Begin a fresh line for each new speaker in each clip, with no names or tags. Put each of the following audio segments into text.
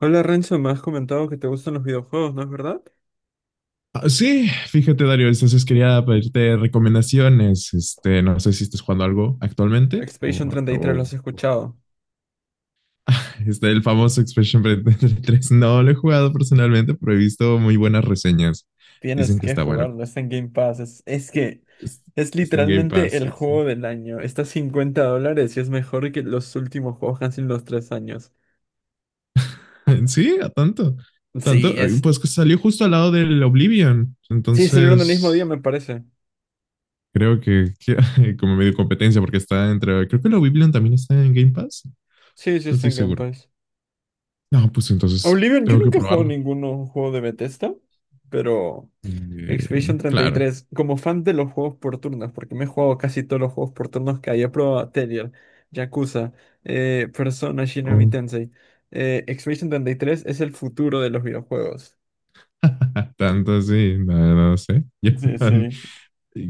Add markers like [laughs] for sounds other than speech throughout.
Hola Renzo, me has comentado que te gustan los videojuegos, ¿no es verdad?
Ah, sí, fíjate, Dario, entonces quería pedirte recomendaciones. No sé si estás jugando algo actualmente
Expedition
o,
33,
o-
los has escuchado.
[laughs] El famoso Expression [laughs] 3. No lo he jugado personalmente, pero he visto muy buenas reseñas.
Tienes
Dicen que
que
está bueno.
jugarlo, está en Game Pass. Es que
Es-
es
Está en Game
literalmente
Pass.
el
[laughs]
juego del año. Está a $50 y es mejor que los últimos juegos que han sido en los 3 años.
Sí, a tanto.
Sí,
Tanto,
es.
pues que salió justo al lado del Oblivion.
Sí, salieron el mismo día,
Entonces,
me parece.
creo [laughs] como medio competencia, porque está entre. Creo que el Oblivion también está en Game Pass.
Sí, sí,
No
está
estoy
en Game
seguro.
Pass.
No, pues entonces
Oblivion, yo
tengo que
nunca he jugado
probarlo.
ningún juego de Bethesda, pero Expedition
Eh,
treinta y
claro.
tres como fan de los juegos por turnos, porque me he jugado casi todos los juegos por turnos que hay, he probado Telier, Yakuza, Persona, Shinigami
Oh,
Tensei. Expedition 33 es el futuro de los videojuegos.
[laughs] tanto así, no, no sé. [laughs] Yo-
Sí, sí,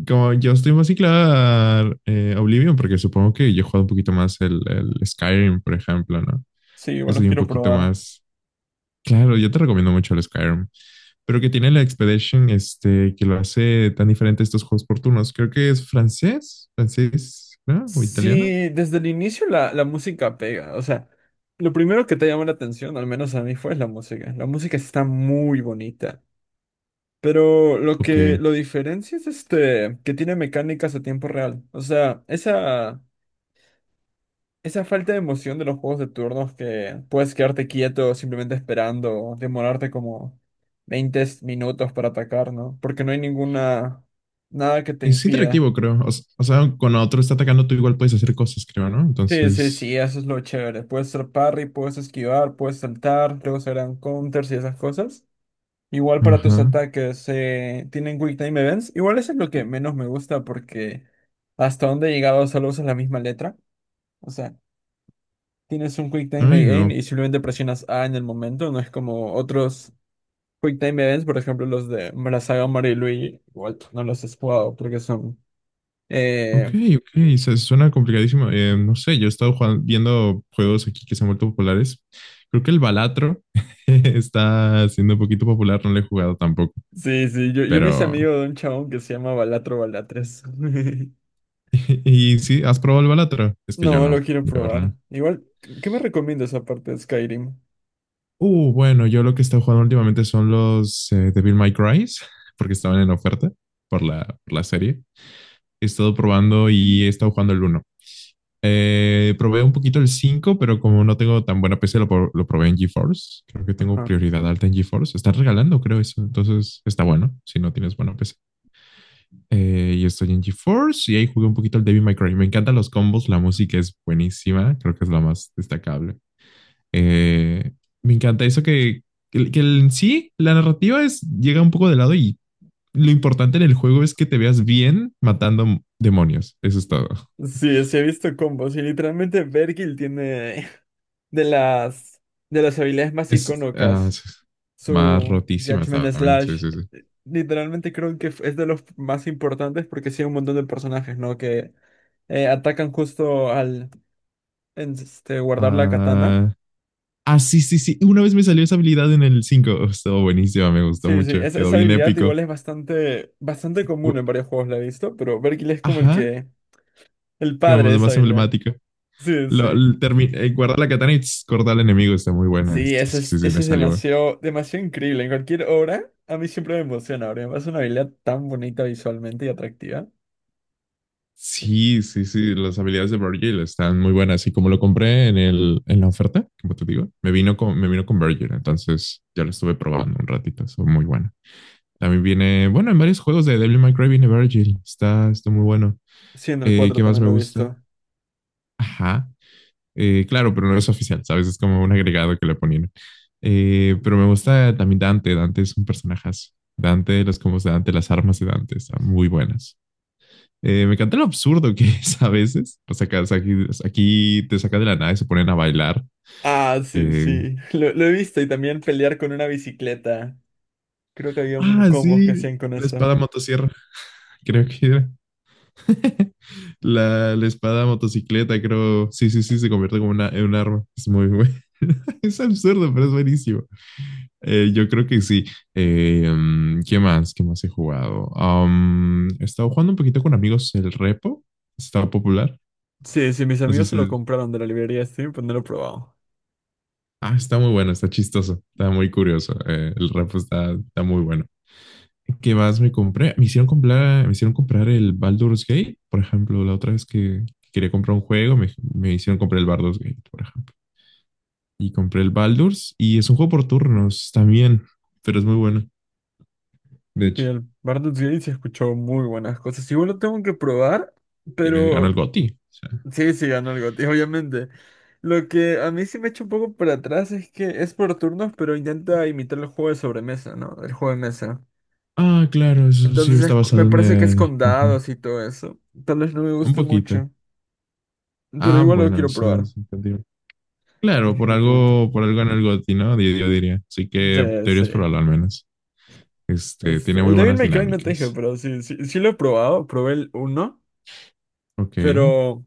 como yo estoy más ciclada a Oblivion, porque supongo que yo he jugado un poquito más el Skyrim, por ejemplo, ¿no?
sí,
Yo
igual los
soy un
quiero
poquito
probar.
más. Claro, yo te recomiendo mucho el Skyrim, pero que tiene la Expedition, que lo hace tan diferente a estos juegos por turnos. Creo que es francés, francés, ¿no? O italiano.
Sí, desde el inicio la música pega, o sea, lo primero que te llama la atención, al menos a mí, fue la música. La música está muy bonita. Pero lo que
Ok.
lo diferencia es este que tiene mecánicas a tiempo real. O sea, esa falta de emoción de los juegos de turnos que puedes quedarte quieto simplemente esperando, o demorarte como 20 minutos para atacar, ¿no? Porque no hay ninguna, nada que te
Es
impida.
interactivo, creo. O sea, cuando otro está atacando, tú igual puedes hacer cosas, creo, ¿no?
Sí, sí,
Entonces,
sí, eso es lo chévere. Puedes hacer parry, puedes esquivar, puedes saltar, luego se harán counters y esas cosas. Igual para tus
ajá.
ataques, tienen Quick Time Events. Igual eso es lo que menos me gusta porque hasta donde he llegado solo usas la misma letra. O sea, tienes un Quick Time
Ay, no.
Event y simplemente presionas A en el momento. No es como otros Quick Time Events, por ejemplo, los de la saga Mario y Luigi. Igual tú no los has jugado porque son.
Ok,
eh,
ok. Suena complicadísimo. No sé, yo he estado viendo juegos aquí que se han vuelto populares. Creo que el Balatro [laughs] está siendo un poquito popular, no lo he jugado tampoco.
Sí, sí, yo me hice
Pero,
amigo de un chabón que se llama Balatro Balatres. [laughs]
y, sí, ¿has probado el Balatro? Es que yo
No,
no.
lo quiero
Yo, real.
probar. Igual, ¿qué me recomiendas aparte de Skyrim?
Bueno, yo lo que he estado jugando últimamente son los Devil May Cry, [laughs] porque estaban en oferta por la serie. He estado probando y he estado jugando el uno. Probé un poquito el 5, pero como no tengo tan buena PC, lo probé en GeForce. Creo que tengo
Ajá.
prioridad alta en GeForce. Están regalando, creo eso. Entonces está bueno si no tienes buena PC. Y estoy en GeForce y ahí jugué un poquito el Devil May Cry. Me encantan los combos, la música es buenísima. Creo que es la más destacable. Eh, Me encanta eso que en sí la narrativa es, llega un poco de lado, y lo importante en el juego es que te veas bien matando demonios. Eso es todo.
Sí, sí he visto combos y literalmente Vergil tiene [laughs] de las de las habilidades más
Es, ah,
icónicas
más
su
rotísimas
Judgment
también. Sí,
Slash.
sí, sí.
Literalmente creo que es de los más importantes porque sí hay un montón de personajes, ¿no? Que atacan justo al guardar la katana.
Ah, ah, sí, sí, sí. Una vez me salió esa habilidad en el cinco. Oh, estuvo buenísima, me gustó
Sí, sí,
mucho.
esa,
Quedó
esa
bien
habilidad igual
épico.
es bastante, bastante común
Gu-
en varios juegos, la he visto, pero Vergil es como
Ajá,
el
como
padre de
lo
esa
más
habilidad.
emblemático.
Sí,
Lo,
sí.
l- termi- eh, guardar la katana y tss, cortar al enemigo está muy buena. Sí,
Sí, ese
sí,
es,
sí, sí, me
ese es
salió.
demasiado, demasiado increíble. En cualquier obra, a mí siempre me emociona, porque me parece una habilidad tan bonita visualmente y atractiva.
Sí, sí, sí. Las habilidades de Virgil están muy buenas. Y como lo compré en la oferta, como te digo, me vino con Virgil. Entonces ya lo estuve probando un ratito. Son muy buenas. También viene, bueno, en varios juegos de Devil May Cry viene Virgil. Está muy bueno.
Sí, en el 4
¿Qué más
también
me
lo he
gusta?
visto.
Ajá. Claro, pero no es oficial, ¿sabes? Es como un agregado que le ponían. Pero me gusta también Dante. Dante es un personajazo. Dante, los combos de Dante, las armas de Dante están muy buenas. Me encanta lo absurdo que es a veces. O sea, aquí te sacan de la nada y se ponen a bailar.
Ah, sí,
Eh,
sí. Lo he visto y también pelear con una bicicleta. Creo que había un
ah,
combos que
sí,
hacían con
la
eso.
espada motosierra, creo que era. [laughs] La espada motocicleta, creo. Sí, sí, sí, se convierte como una, en un arma. Es muy bueno. [laughs] Es absurdo, pero es buenísimo. Yo creo que sí. ¿Qué más? ¿Qué más he jugado? He estado jugando un poquito con amigos el repo. Está popular.
Sí, sí, mis
Así
amigos se lo
se...
compraron de la librería Steam, pero no lo he probado.
Ah, está muy bueno, está chistoso, está muy curioso. El repo está muy bueno. ¿Qué más me compré? Me hicieron comprar el Baldur's Gate, por ejemplo, la otra vez que quería comprar un juego, me hicieron comprar el Baldur's Gate, por ejemplo. Y compré el Baldur's y es un juego por turnos también, pero es muy bueno. De
Sí,
hecho,
el Baldur's Gate se escuchó muy buenas cosas. Igual lo tengo que probar,
ganó el
pero
GOTY, o sea.
sí, sí, ganó el GOTY, obviamente. Lo que a mí sí me echa un poco para atrás es que es por turnos, pero intenta imitar el juego de sobremesa, ¿no? El juego de mesa.
Ah, claro, eso sí
Entonces
está
me
basado en
parece que es
el.
con
Ajá,
dados y todo eso. Tal vez no me
un
guste
poquito.
mucho, pero
Ah,
igual lo
bueno,
quiero
eso
probar.
es entendible. Claro,
Definitivamente.
por algo ganó el GOTY, ¿no? Yo diría. Así que
Sí, sí.
deberías probarlo al menos. Tiene
Este,
muy
el Devil
buenas
May Cry no te dije,
dinámicas.
pero sí, sí, sí lo he probado. Probé el uno.
Ok.
Pero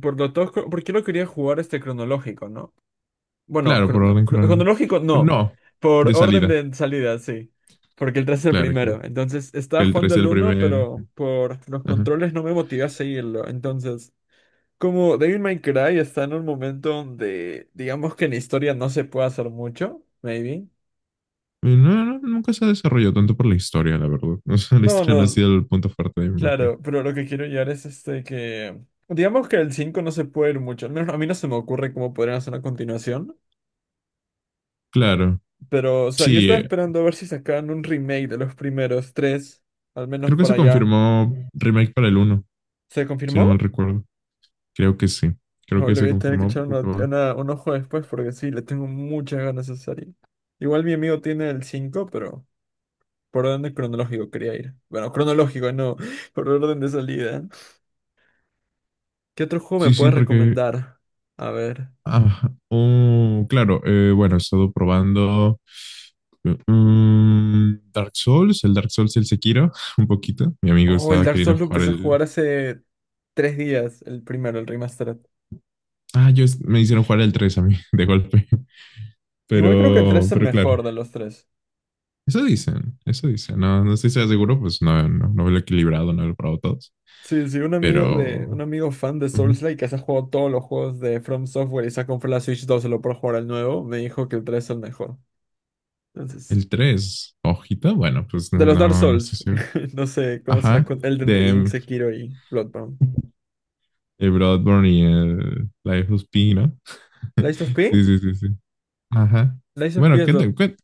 por lo tosco, ¿por qué lo quería jugar este cronológico, no? Bueno,
Claro, por orden cronológico.
cronológico no.
No,
Por
de
orden
salida.
de salida, sí. Porque el 3 es el
Claro, claro.
primero. Entonces estaba
Que el
jugando
3
el
del
uno
primero.
pero por los
Ajá.
controles no me motivé a seguirlo. Entonces, como Devil May Cry está en un momento donde, digamos que en historia no se puede hacer mucho, maybe.
No, no, no, nunca se ha desarrollado tanto por la historia, la verdad. [laughs] O sea, la
No,
historia no ha
no,
sido el punto fuerte de Minecraft.
claro, pero lo que quiero llegar es este que. Digamos que el 5 no se puede ir mucho. Al menos a mí no se me ocurre cómo podrían hacer una continuación.
Claro.
Pero, o sea, yo
Sí,
estaba esperando a ver si sacaban un remake de los primeros tres, al menos
creo que
para
se
allá.
confirmó remake para el uno,
¿Se
si no mal
confirmó?
recuerdo. Creo que sí. Creo
No,
que
le
se
voy a tener que
confirmó.
echar un ojo después porque sí, le tengo muchas ganas a esa serie. Igual mi amigo tiene el 5 pero por orden cronológico quería ir. Bueno, cronológico, no, [laughs] por orden de salida. ¿Qué otro juego me
Sí, sí,
puedes recomendar? A ver.
Claro, bueno, he estado probando Dark Souls, el Dark Souls y el Sekiro, [laughs] un poquito. Mi amigo
Oh, el
estaba
Dark
queriendo
Souls lo
jugar
empecé a
el.
jugar hace 3 días, el primero, el remastered.
Ah, yo me hicieron jugar el 3 a mí, [laughs] de golpe.
Igual creo que el 3
Pero,
es el
pero claro,
mejor de los tres.
eso dicen, eso dicen. No, no estoy seguro, pues no, no, no lo he equilibrado, no lo he probado todos.
Sí, sí, un
Pero
amigo fan de
ujú.
Soulslike que se ha jugado todos los juegos de From Software y se ha comprado la Switch 2 solo por jugar al nuevo, me dijo que el tres es el mejor. Entonces,
El 3, hojita, bueno, pues no,
de los Dark
no no
Souls,
estoy seguro.
[laughs] no sé cómo será
Ajá,
con Elden
de
Ring, Sekiro y Bloodborne.
el Bloodborne y el Life of P, ¿no? [laughs]
¿Lies of P?
Sí, sí, sí, sí. Ajá.
¿Lies of P
Bueno,
es lo-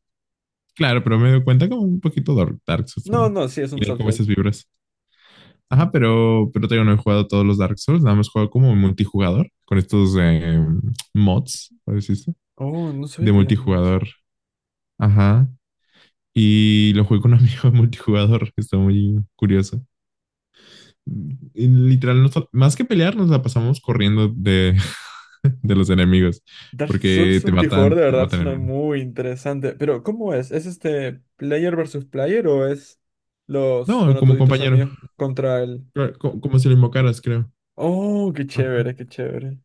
claro, pero me doy cuenta como un poquito Dark Souls,
No,
bueno.
no, sí, es un
Tiene como
Soulslike.
esas vibras. Ajá, pero todavía no he jugado todos los Dark Souls, nada más he jugado como multijugador, con estos mods, por decirse,
Oh, no
de
sabía que había mods.
multijugador. Ajá. Y lo jugué con un [laughs] amigo de multijugador, está muy curioso. Y literal, más que pelear, nos la pasamos corriendo de, [laughs] de los enemigos,
Dark
porque
Souls
te
multijugador
matan,
de
te
verdad
matan en
suena
uno.
muy interesante, pero ¿cómo es? ¿Es este player versus player o es los,
No,
bueno, tú
como
y tus
compañero.
amigos contra el.
Claro, como, si lo invocaras, creo.
Oh, qué
Ajá.
chévere, qué chévere.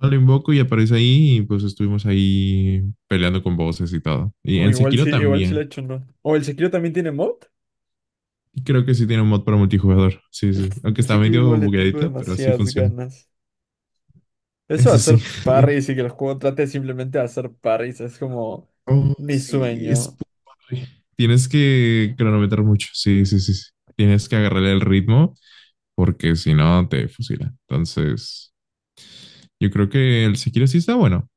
Ah, lo invoco y aparece ahí y pues estuvimos ahí peleando con voces y todo. Y
O
en Sekiro
igual sí la he
también.
hecho, ¿no? O el Sekiro también tiene mod.
Y creo que sí tiene un mod para multijugador. Sí,
El,
sí. Aunque
el
está
Sekiro
medio
igual le tengo
bugueadito, pero sí
demasiadas
funciona.
ganas. Eso de
Eso sí.
hacer
[laughs]
parries y que el juego trate simplemente de hacer parries es como
Oh,
mi
sí, es
sueño.
padre. Tienes que cronometrar mucho. Sí, sí, sí, sí. Tienes que agarrarle el ritmo porque si no te fusila. Entonces, yo creo que el Sekiro sí está bueno.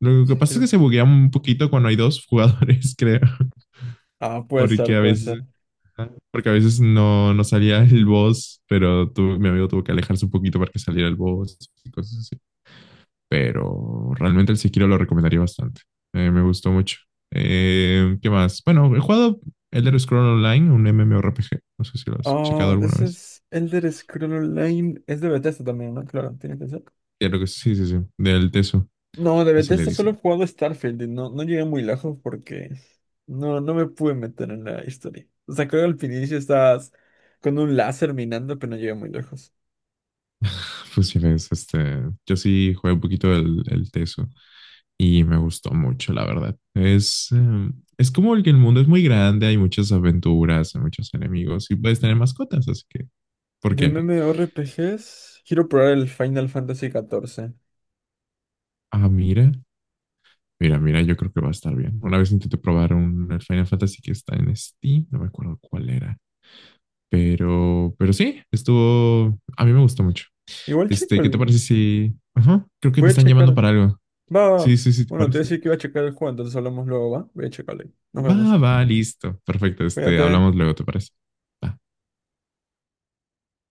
Lo que pasa es que
Sekiro
se
sí.
buguea un poquito cuando hay dos jugadores, [laughs] creo.
Ah, puede
Porque
ser,
a
puede ser.
veces, ajá, porque a veces no, no salía el boss, pero mi amigo tuvo que alejarse un poquito para que saliera el boss y cosas así. Pero realmente el Sekiro lo recomendaría bastante. Me gustó mucho. ¿Qué más? Bueno, he jugado Elder Scrolls Online, un MMORPG. No sé si lo has checado
Oh,
alguna
ese
vez.
es Elder Scroll Online. Es de Bethesda también, ¿no? Claro, tiene que ser.
Ya lo que sí, sí, sí. Del Teso,
No, de
así le
Bethesda solo he
dicen.
jugado Starfield y no, no llegué muy lejos porque no, no me pude meter en la historia. O sea, creo que al inicio estabas con un láser minando, pero no llegué muy lejos.
[laughs] Pues ya ves, yo sí jugué un poquito del el Teso. Y me gustó mucho, la verdad. Es como el que el mundo es muy grande, hay muchas aventuras, hay muchos enemigos y puedes tener mascotas, así que, ¿por
De
qué no?
MMORPGs, quiero probar el Final Fantasy 14.
Ah, mira, mira, mira, yo creo que va a estar bien. Una vez intenté probar un el Final Fantasy que está en Steam, no me acuerdo cuál era, pero sí, estuvo, a mí me gustó mucho.
Igual checo
¿Qué te parece
el...
si? Ajá, creo que me
Voy a
están llamando
checar.
para algo.
Va, va.
Sí, sí, sí, ¿te
Bueno, te voy a
parece?
decir que iba a checar el juego, entonces hablamos luego, ¿va? Voy a checarlo. Nos vemos.
Va, va, listo. Perfecto,
Cuídate.
hablamos luego, ¿te parece? Va.